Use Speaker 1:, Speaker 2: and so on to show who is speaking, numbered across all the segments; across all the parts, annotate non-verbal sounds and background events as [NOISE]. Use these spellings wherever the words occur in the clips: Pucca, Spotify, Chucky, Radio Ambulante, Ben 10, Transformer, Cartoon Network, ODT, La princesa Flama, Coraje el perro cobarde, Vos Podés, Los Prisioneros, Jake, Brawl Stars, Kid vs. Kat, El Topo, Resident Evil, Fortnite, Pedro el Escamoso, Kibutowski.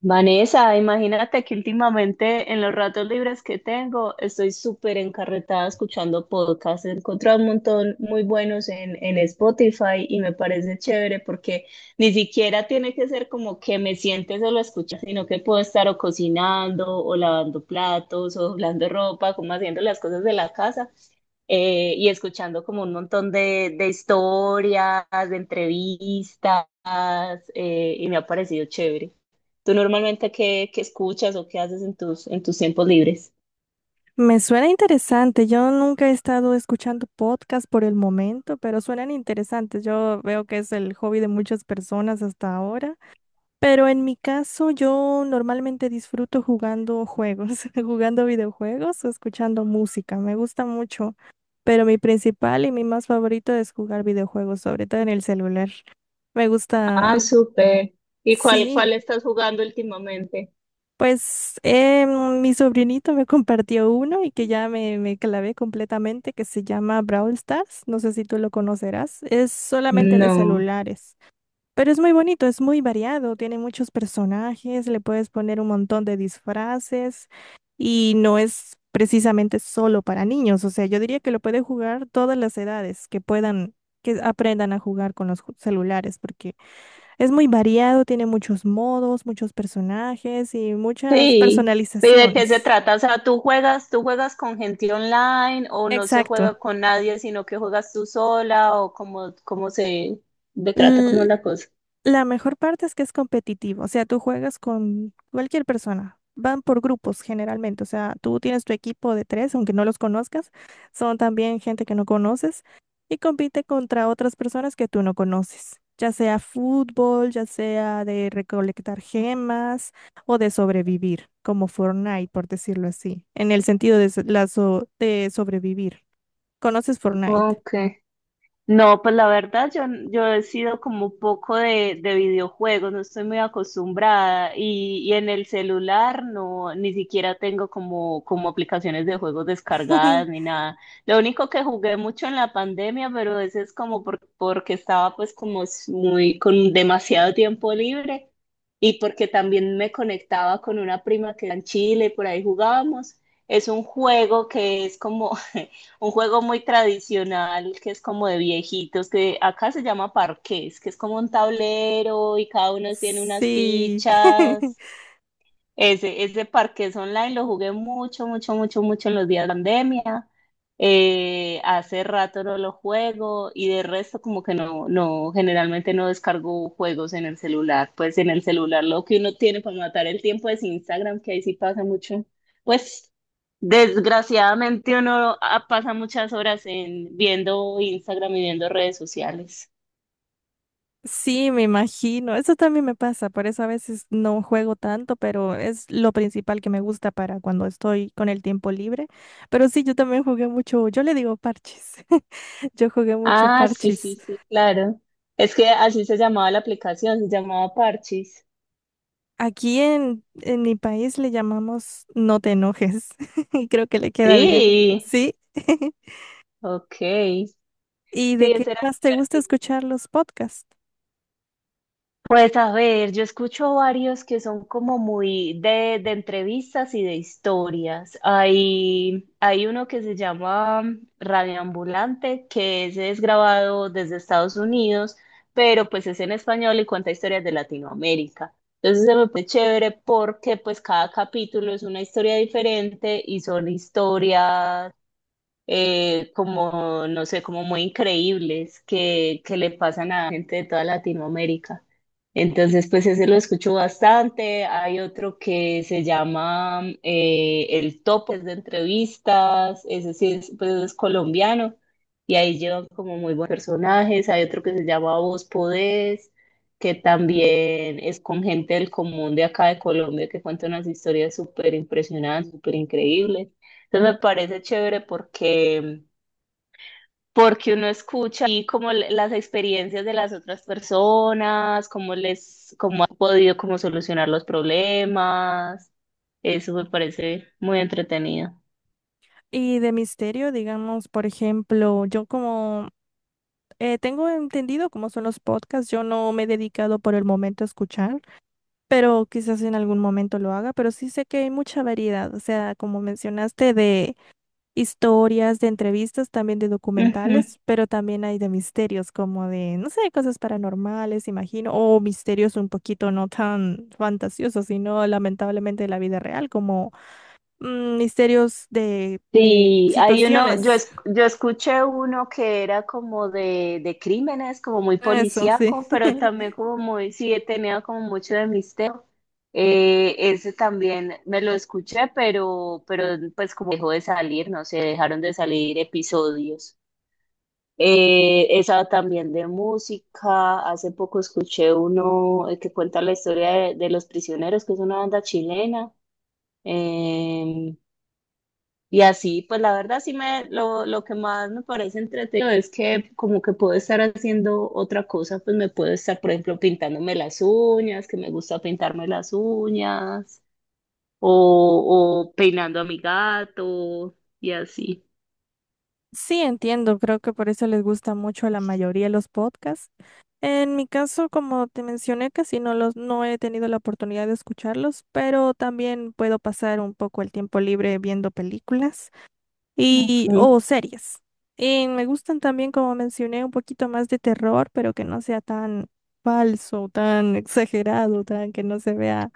Speaker 1: Vanessa, imagínate que últimamente en los ratos libres que tengo estoy súper encarretada escuchando podcasts. He encontrado un montón muy buenos en Spotify y me parece chévere porque ni siquiera tiene que ser como que me siente solo a escuchar, sino que puedo estar o cocinando o lavando platos o doblando ropa, como haciendo las cosas de la casa, y escuchando como un montón de historias, de entrevistas. Y me ha parecido chévere. ¿Tú normalmente qué escuchas o qué haces en en tus tiempos libres?
Speaker 2: Me suena interesante. Yo nunca he estado escuchando podcast por el momento, pero suenan interesantes. Yo veo que es el hobby de muchas personas hasta ahora. Pero en mi caso, yo normalmente disfruto jugando juegos, [LAUGHS] jugando videojuegos o escuchando música. Me gusta mucho, pero mi principal y mi más favorito es jugar videojuegos, sobre todo en el celular. Me gusta,
Speaker 1: Ah, súper. ¿Y
Speaker 2: sí.
Speaker 1: cuál estás jugando últimamente?
Speaker 2: Pues mi sobrinito me compartió uno y que ya me clavé completamente, que se llama Brawl Stars. No sé si tú lo conocerás. Es solamente de
Speaker 1: No.
Speaker 2: celulares, pero es muy bonito, es muy variado, tiene muchos personajes, le puedes poner un montón de disfraces y no es precisamente solo para niños. O sea, yo diría que lo puede jugar todas las edades que puedan, que aprendan a jugar con los celulares, porque es muy variado, tiene muchos modos, muchos personajes y muchas
Speaker 1: Sí. ¿Y de qué se
Speaker 2: personalizaciones.
Speaker 1: trata? O sea, tú juegas con gente online o no se
Speaker 2: Exacto.
Speaker 1: juega con nadie, sino que juegas tú sola o cómo se de trata, cómo es la cosa?
Speaker 2: La mejor parte es que es competitivo, o sea, tú juegas con cualquier persona, van por grupos generalmente, o sea, tú tienes tu equipo de tres, aunque no los conozcas, son también gente que no conoces y compite contra otras personas que tú no conoces, ya sea fútbol, ya sea de recolectar gemas o de sobrevivir, como Fortnite, por decirlo así, en el sentido de, de sobrevivir. ¿Conoces Fortnite?
Speaker 1: Ok. No, pues la verdad yo he sido como un poco de videojuegos, no estoy muy acostumbrada y en el celular no, ni siquiera tengo como aplicaciones de juegos descargadas ni
Speaker 2: [LAUGHS]
Speaker 1: nada. Lo único que jugué mucho en la pandemia, pero ese es como porque estaba pues como muy con demasiado tiempo libre y porque también me conectaba con una prima que era en Chile, por ahí jugábamos. Es un juego que es como... [LAUGHS] un juego muy tradicional que es como de viejitos, que acá se llama parqués, que es como un tablero y cada uno tiene unas
Speaker 2: Sí. [LAUGHS]
Speaker 1: fichas. Ese parqués online lo jugué mucho, mucho, mucho, mucho en los días de pandemia. Hace rato no lo juego y de resto como que no, generalmente no descargo juegos en el celular. Pues en el celular lo que uno tiene para matar el tiempo es Instagram, que ahí sí pasa mucho. Pues desgraciadamente uno pasa muchas horas en viendo Instagram y viendo redes sociales.
Speaker 2: Sí, me imagino. Eso también me pasa, por eso a veces no juego tanto, pero es lo principal que me gusta para cuando estoy con el tiempo libre. Pero sí, yo también jugué mucho, yo le digo parches, [LAUGHS] yo jugué mucho
Speaker 1: Ah, sí,
Speaker 2: parches.
Speaker 1: sí, sí, claro. Es que así se llamaba la aplicación, se llamaba Parchis.
Speaker 2: Aquí en mi país le llamamos no te enojes [LAUGHS] y creo que le queda bien.
Speaker 1: Sí,
Speaker 2: Sí. [LAUGHS]
Speaker 1: ok.
Speaker 2: ¿Y de
Speaker 1: Sí,
Speaker 2: qué
Speaker 1: ese era
Speaker 2: más te gusta
Speaker 1: divertido.
Speaker 2: escuchar los podcasts?
Speaker 1: Pues a ver, yo escucho varios que son como muy de entrevistas y de historias. Hay uno que se llama Radio Ambulante, que ese es grabado desde Estados Unidos, pero pues es en español y cuenta historias de Latinoamérica. Entonces se me fue chévere porque pues cada capítulo es una historia diferente y son historias, como, no sé, como muy increíbles que le pasan a gente de toda Latinoamérica. Entonces, pues ese lo escucho bastante. Hay otro que se llama El Topo, es de entrevistas, ese sí es, pues es colombiano y ahí llevan como muy buenos personajes. Hay otro que se llama Vos Podés, que también es con gente del común de acá de Colombia que cuenta unas historias súper impresionantes, súper increíbles. Entonces me parece chévere porque uno escucha y como las experiencias de las otras personas, cómo les, cómo han podido como solucionar los problemas. Eso me parece muy entretenido.
Speaker 2: Y de misterio, digamos, por ejemplo, yo como… tengo entendido cómo son los podcasts. Yo no me he dedicado por el momento a escuchar, pero quizás en algún momento lo haga. Pero sí sé que hay mucha variedad. O sea, como mencionaste, de historias, de entrevistas, también de
Speaker 1: Ujú.
Speaker 2: documentales, pero también hay de misterios, como de, no sé, cosas paranormales, imagino, o misterios un poquito no tan fantasiosos, sino lamentablemente de la vida real, como misterios de
Speaker 1: Sí, hay uno,
Speaker 2: situaciones.
Speaker 1: yo escuché uno que era como de crímenes, como muy
Speaker 2: Eso, sí.
Speaker 1: policíaco, pero
Speaker 2: [LAUGHS]
Speaker 1: también como muy, sí, tenía como mucho de misterio. Ese también me lo escuché, pero pues como dejó de salir, no sé, dejaron de salir episodios. Esa también de música, hace poco escuché uno, que cuenta la historia de Los Prisioneros, que es una banda chilena. Em, y así, pues la verdad sí lo que más me parece entretenido es que como que puedo estar haciendo otra cosa, pues me puedo estar, por ejemplo, pintándome las uñas, que me gusta pintarme las uñas, o peinando a mi gato, y así.
Speaker 2: Sí, entiendo, creo que por eso les gusta mucho a la mayoría los podcasts. En mi caso, como te mencioné, casi no los, no he tenido la oportunidad de escucharlos, pero también puedo pasar un poco el tiempo libre viendo películas
Speaker 1: Mm.
Speaker 2: y
Speaker 1: Ujú.
Speaker 2: o series. Y me gustan también, como mencioné, un poquito más de terror, pero que no sea tan falso, tan [LAUGHS] exagerado, tan que no se vea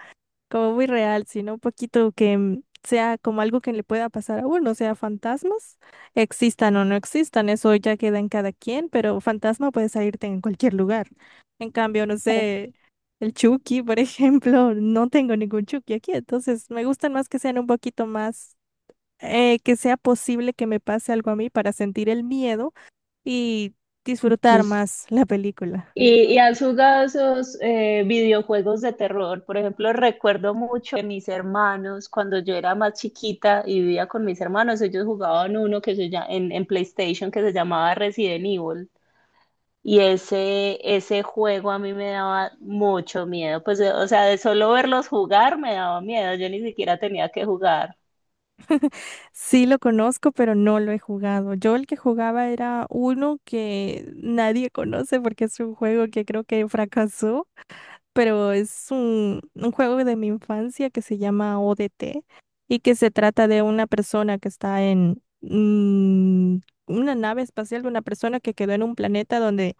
Speaker 2: como muy real, sino un poquito que sea como algo que le pueda pasar a uno, o sea, fantasmas, existan o no existan, eso ya queda en cada quien, pero fantasma puede salirte en cualquier lugar. En cambio, no
Speaker 1: [LAUGHS]
Speaker 2: sé, el Chucky, por [LAUGHS] ejemplo, no tengo ningún Chucky aquí, entonces me gustan más que sean un poquito más, que sea posible que me pase algo a mí para sentir el miedo y disfrutar más la película.
Speaker 1: ¿Y, y has jugado esos videojuegos de terror? Por ejemplo, recuerdo mucho que mis hermanos, cuando yo era más chiquita y vivía con mis hermanos, ellos jugaban uno que se llama, en PlayStation, que se llamaba Resident Evil. Y ese juego a mí me daba mucho miedo. Pues, o sea, de solo verlos jugar me daba miedo. Yo ni siquiera tenía que jugar.
Speaker 2: Sí lo conozco, pero no lo he jugado. Yo el que jugaba era uno que nadie conoce porque es un juego que creo que fracasó, pero es un juego de mi infancia que se llama ODT y que se trata de una persona que está en una nave espacial, de una persona que quedó en un planeta donde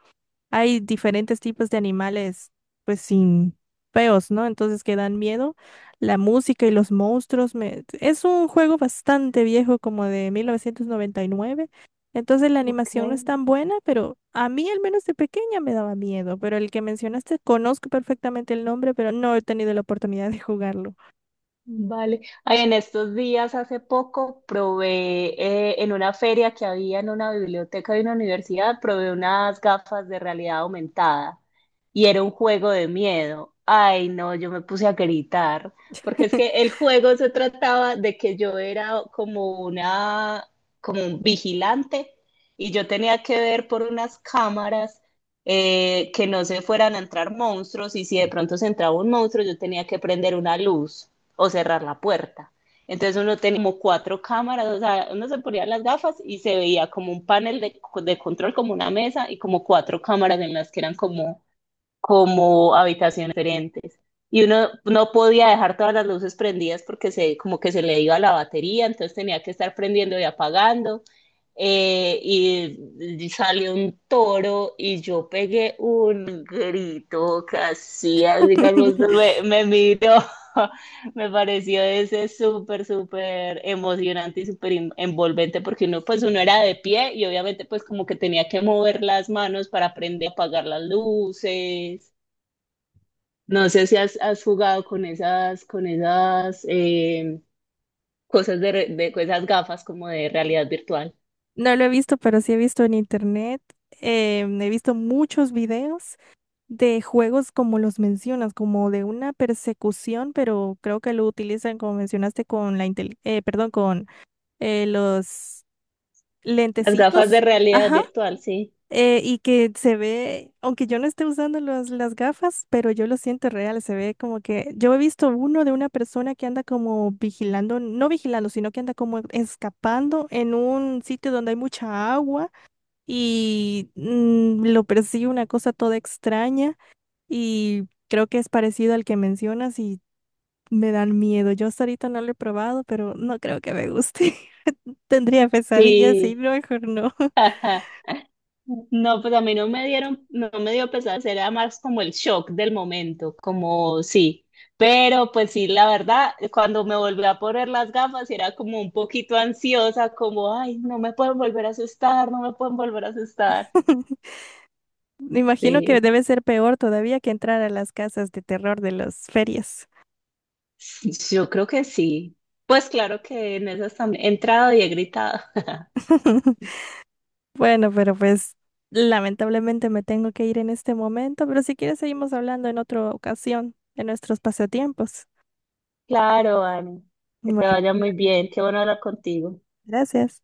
Speaker 2: hay diferentes tipos de animales, pues sin feos, ¿no? Entonces que dan miedo. La música y los monstruos, me… es un juego bastante viejo, como de 1999. Entonces la
Speaker 1: Ok.
Speaker 2: animación no es tan buena, pero a mí al menos de pequeña me daba miedo. Pero el que mencionaste, conozco perfectamente el nombre, pero no he tenido la oportunidad de jugarlo.
Speaker 1: Vale. Ay, en estos días, hace poco, probé en una feria que había en una biblioteca de una universidad, probé unas gafas de realidad aumentada y era un juego de miedo. Ay, no, yo me puse a gritar, porque es que el juego se trataba de que yo era como una, como un vigilante y yo tenía que ver por unas cámaras, que no se fueran a entrar monstruos y si de pronto se entraba un monstruo, yo tenía que prender una luz o cerrar la puerta. Entonces uno tenía como cuatro cámaras, o sea, uno se ponía las gafas y se veía como un panel de control, como una mesa y como cuatro cámaras en las que eran como, como habitaciones diferentes. Y uno no podía dejar todas las luces prendidas porque se, como que se le iba la batería, entonces tenía que estar prendiendo y apagando. Y salió un toro y yo pegué un grito casi, digamos,
Speaker 2: [LAUGHS]
Speaker 1: me miró. [LAUGHS] Me pareció ese súper, súper emocionante y súper envolvente porque uno, pues uno era de pie y obviamente pues como que tenía que mover las manos para aprender a apagar las luces. No sé si has jugado con esas cosas re- de con esas gafas como de realidad virtual.
Speaker 2: No lo he visto, pero sí he visto en internet. He visto muchos videos de juegos como los mencionas, como de una persecución, pero creo que lo utilizan, como mencionaste, con la perdón, con los
Speaker 1: Las gafas de
Speaker 2: lentecitos,
Speaker 1: realidad
Speaker 2: ajá,
Speaker 1: virtual, sí.
Speaker 2: y que se ve, aunque yo no esté usando las gafas, pero yo lo siento real. Se ve como que yo he visto uno de una persona que anda como vigilando, no vigilando, sino que anda como escapando en un sitio donde hay mucha agua y lo persigue una cosa toda extraña. Y creo que es parecido al que mencionas y me dan miedo. Yo hasta ahorita no lo he probado, pero no creo que me guste. [LAUGHS] Tendría pesadillas y
Speaker 1: Sí.
Speaker 2: no, mejor no.
Speaker 1: [LAUGHS] No, pues a mí no me dieron, no me dio pesar, era más como el shock del momento, como sí. Pero pues sí, la verdad, cuando me volví a poner las gafas, era como un poquito ansiosa, como, ay, no me pueden volver a asustar, no me pueden volver a asustar.
Speaker 2: [LAUGHS] Me imagino que
Speaker 1: Sí,
Speaker 2: debe ser peor todavía que entrar a las casas de terror de las ferias.
Speaker 1: yo creo que sí. Pues claro que en esas también he entrado y he gritado. [LAUGHS]
Speaker 2: [LAUGHS] Bueno, pero pues lamentablemente me tengo que ir en este momento, pero si quieres seguimos hablando en otra ocasión de nuestros pasatiempos.
Speaker 1: Claro, Ani, que te
Speaker 2: Bueno,
Speaker 1: vaya muy bien, qué bueno hablar contigo.
Speaker 2: gracias.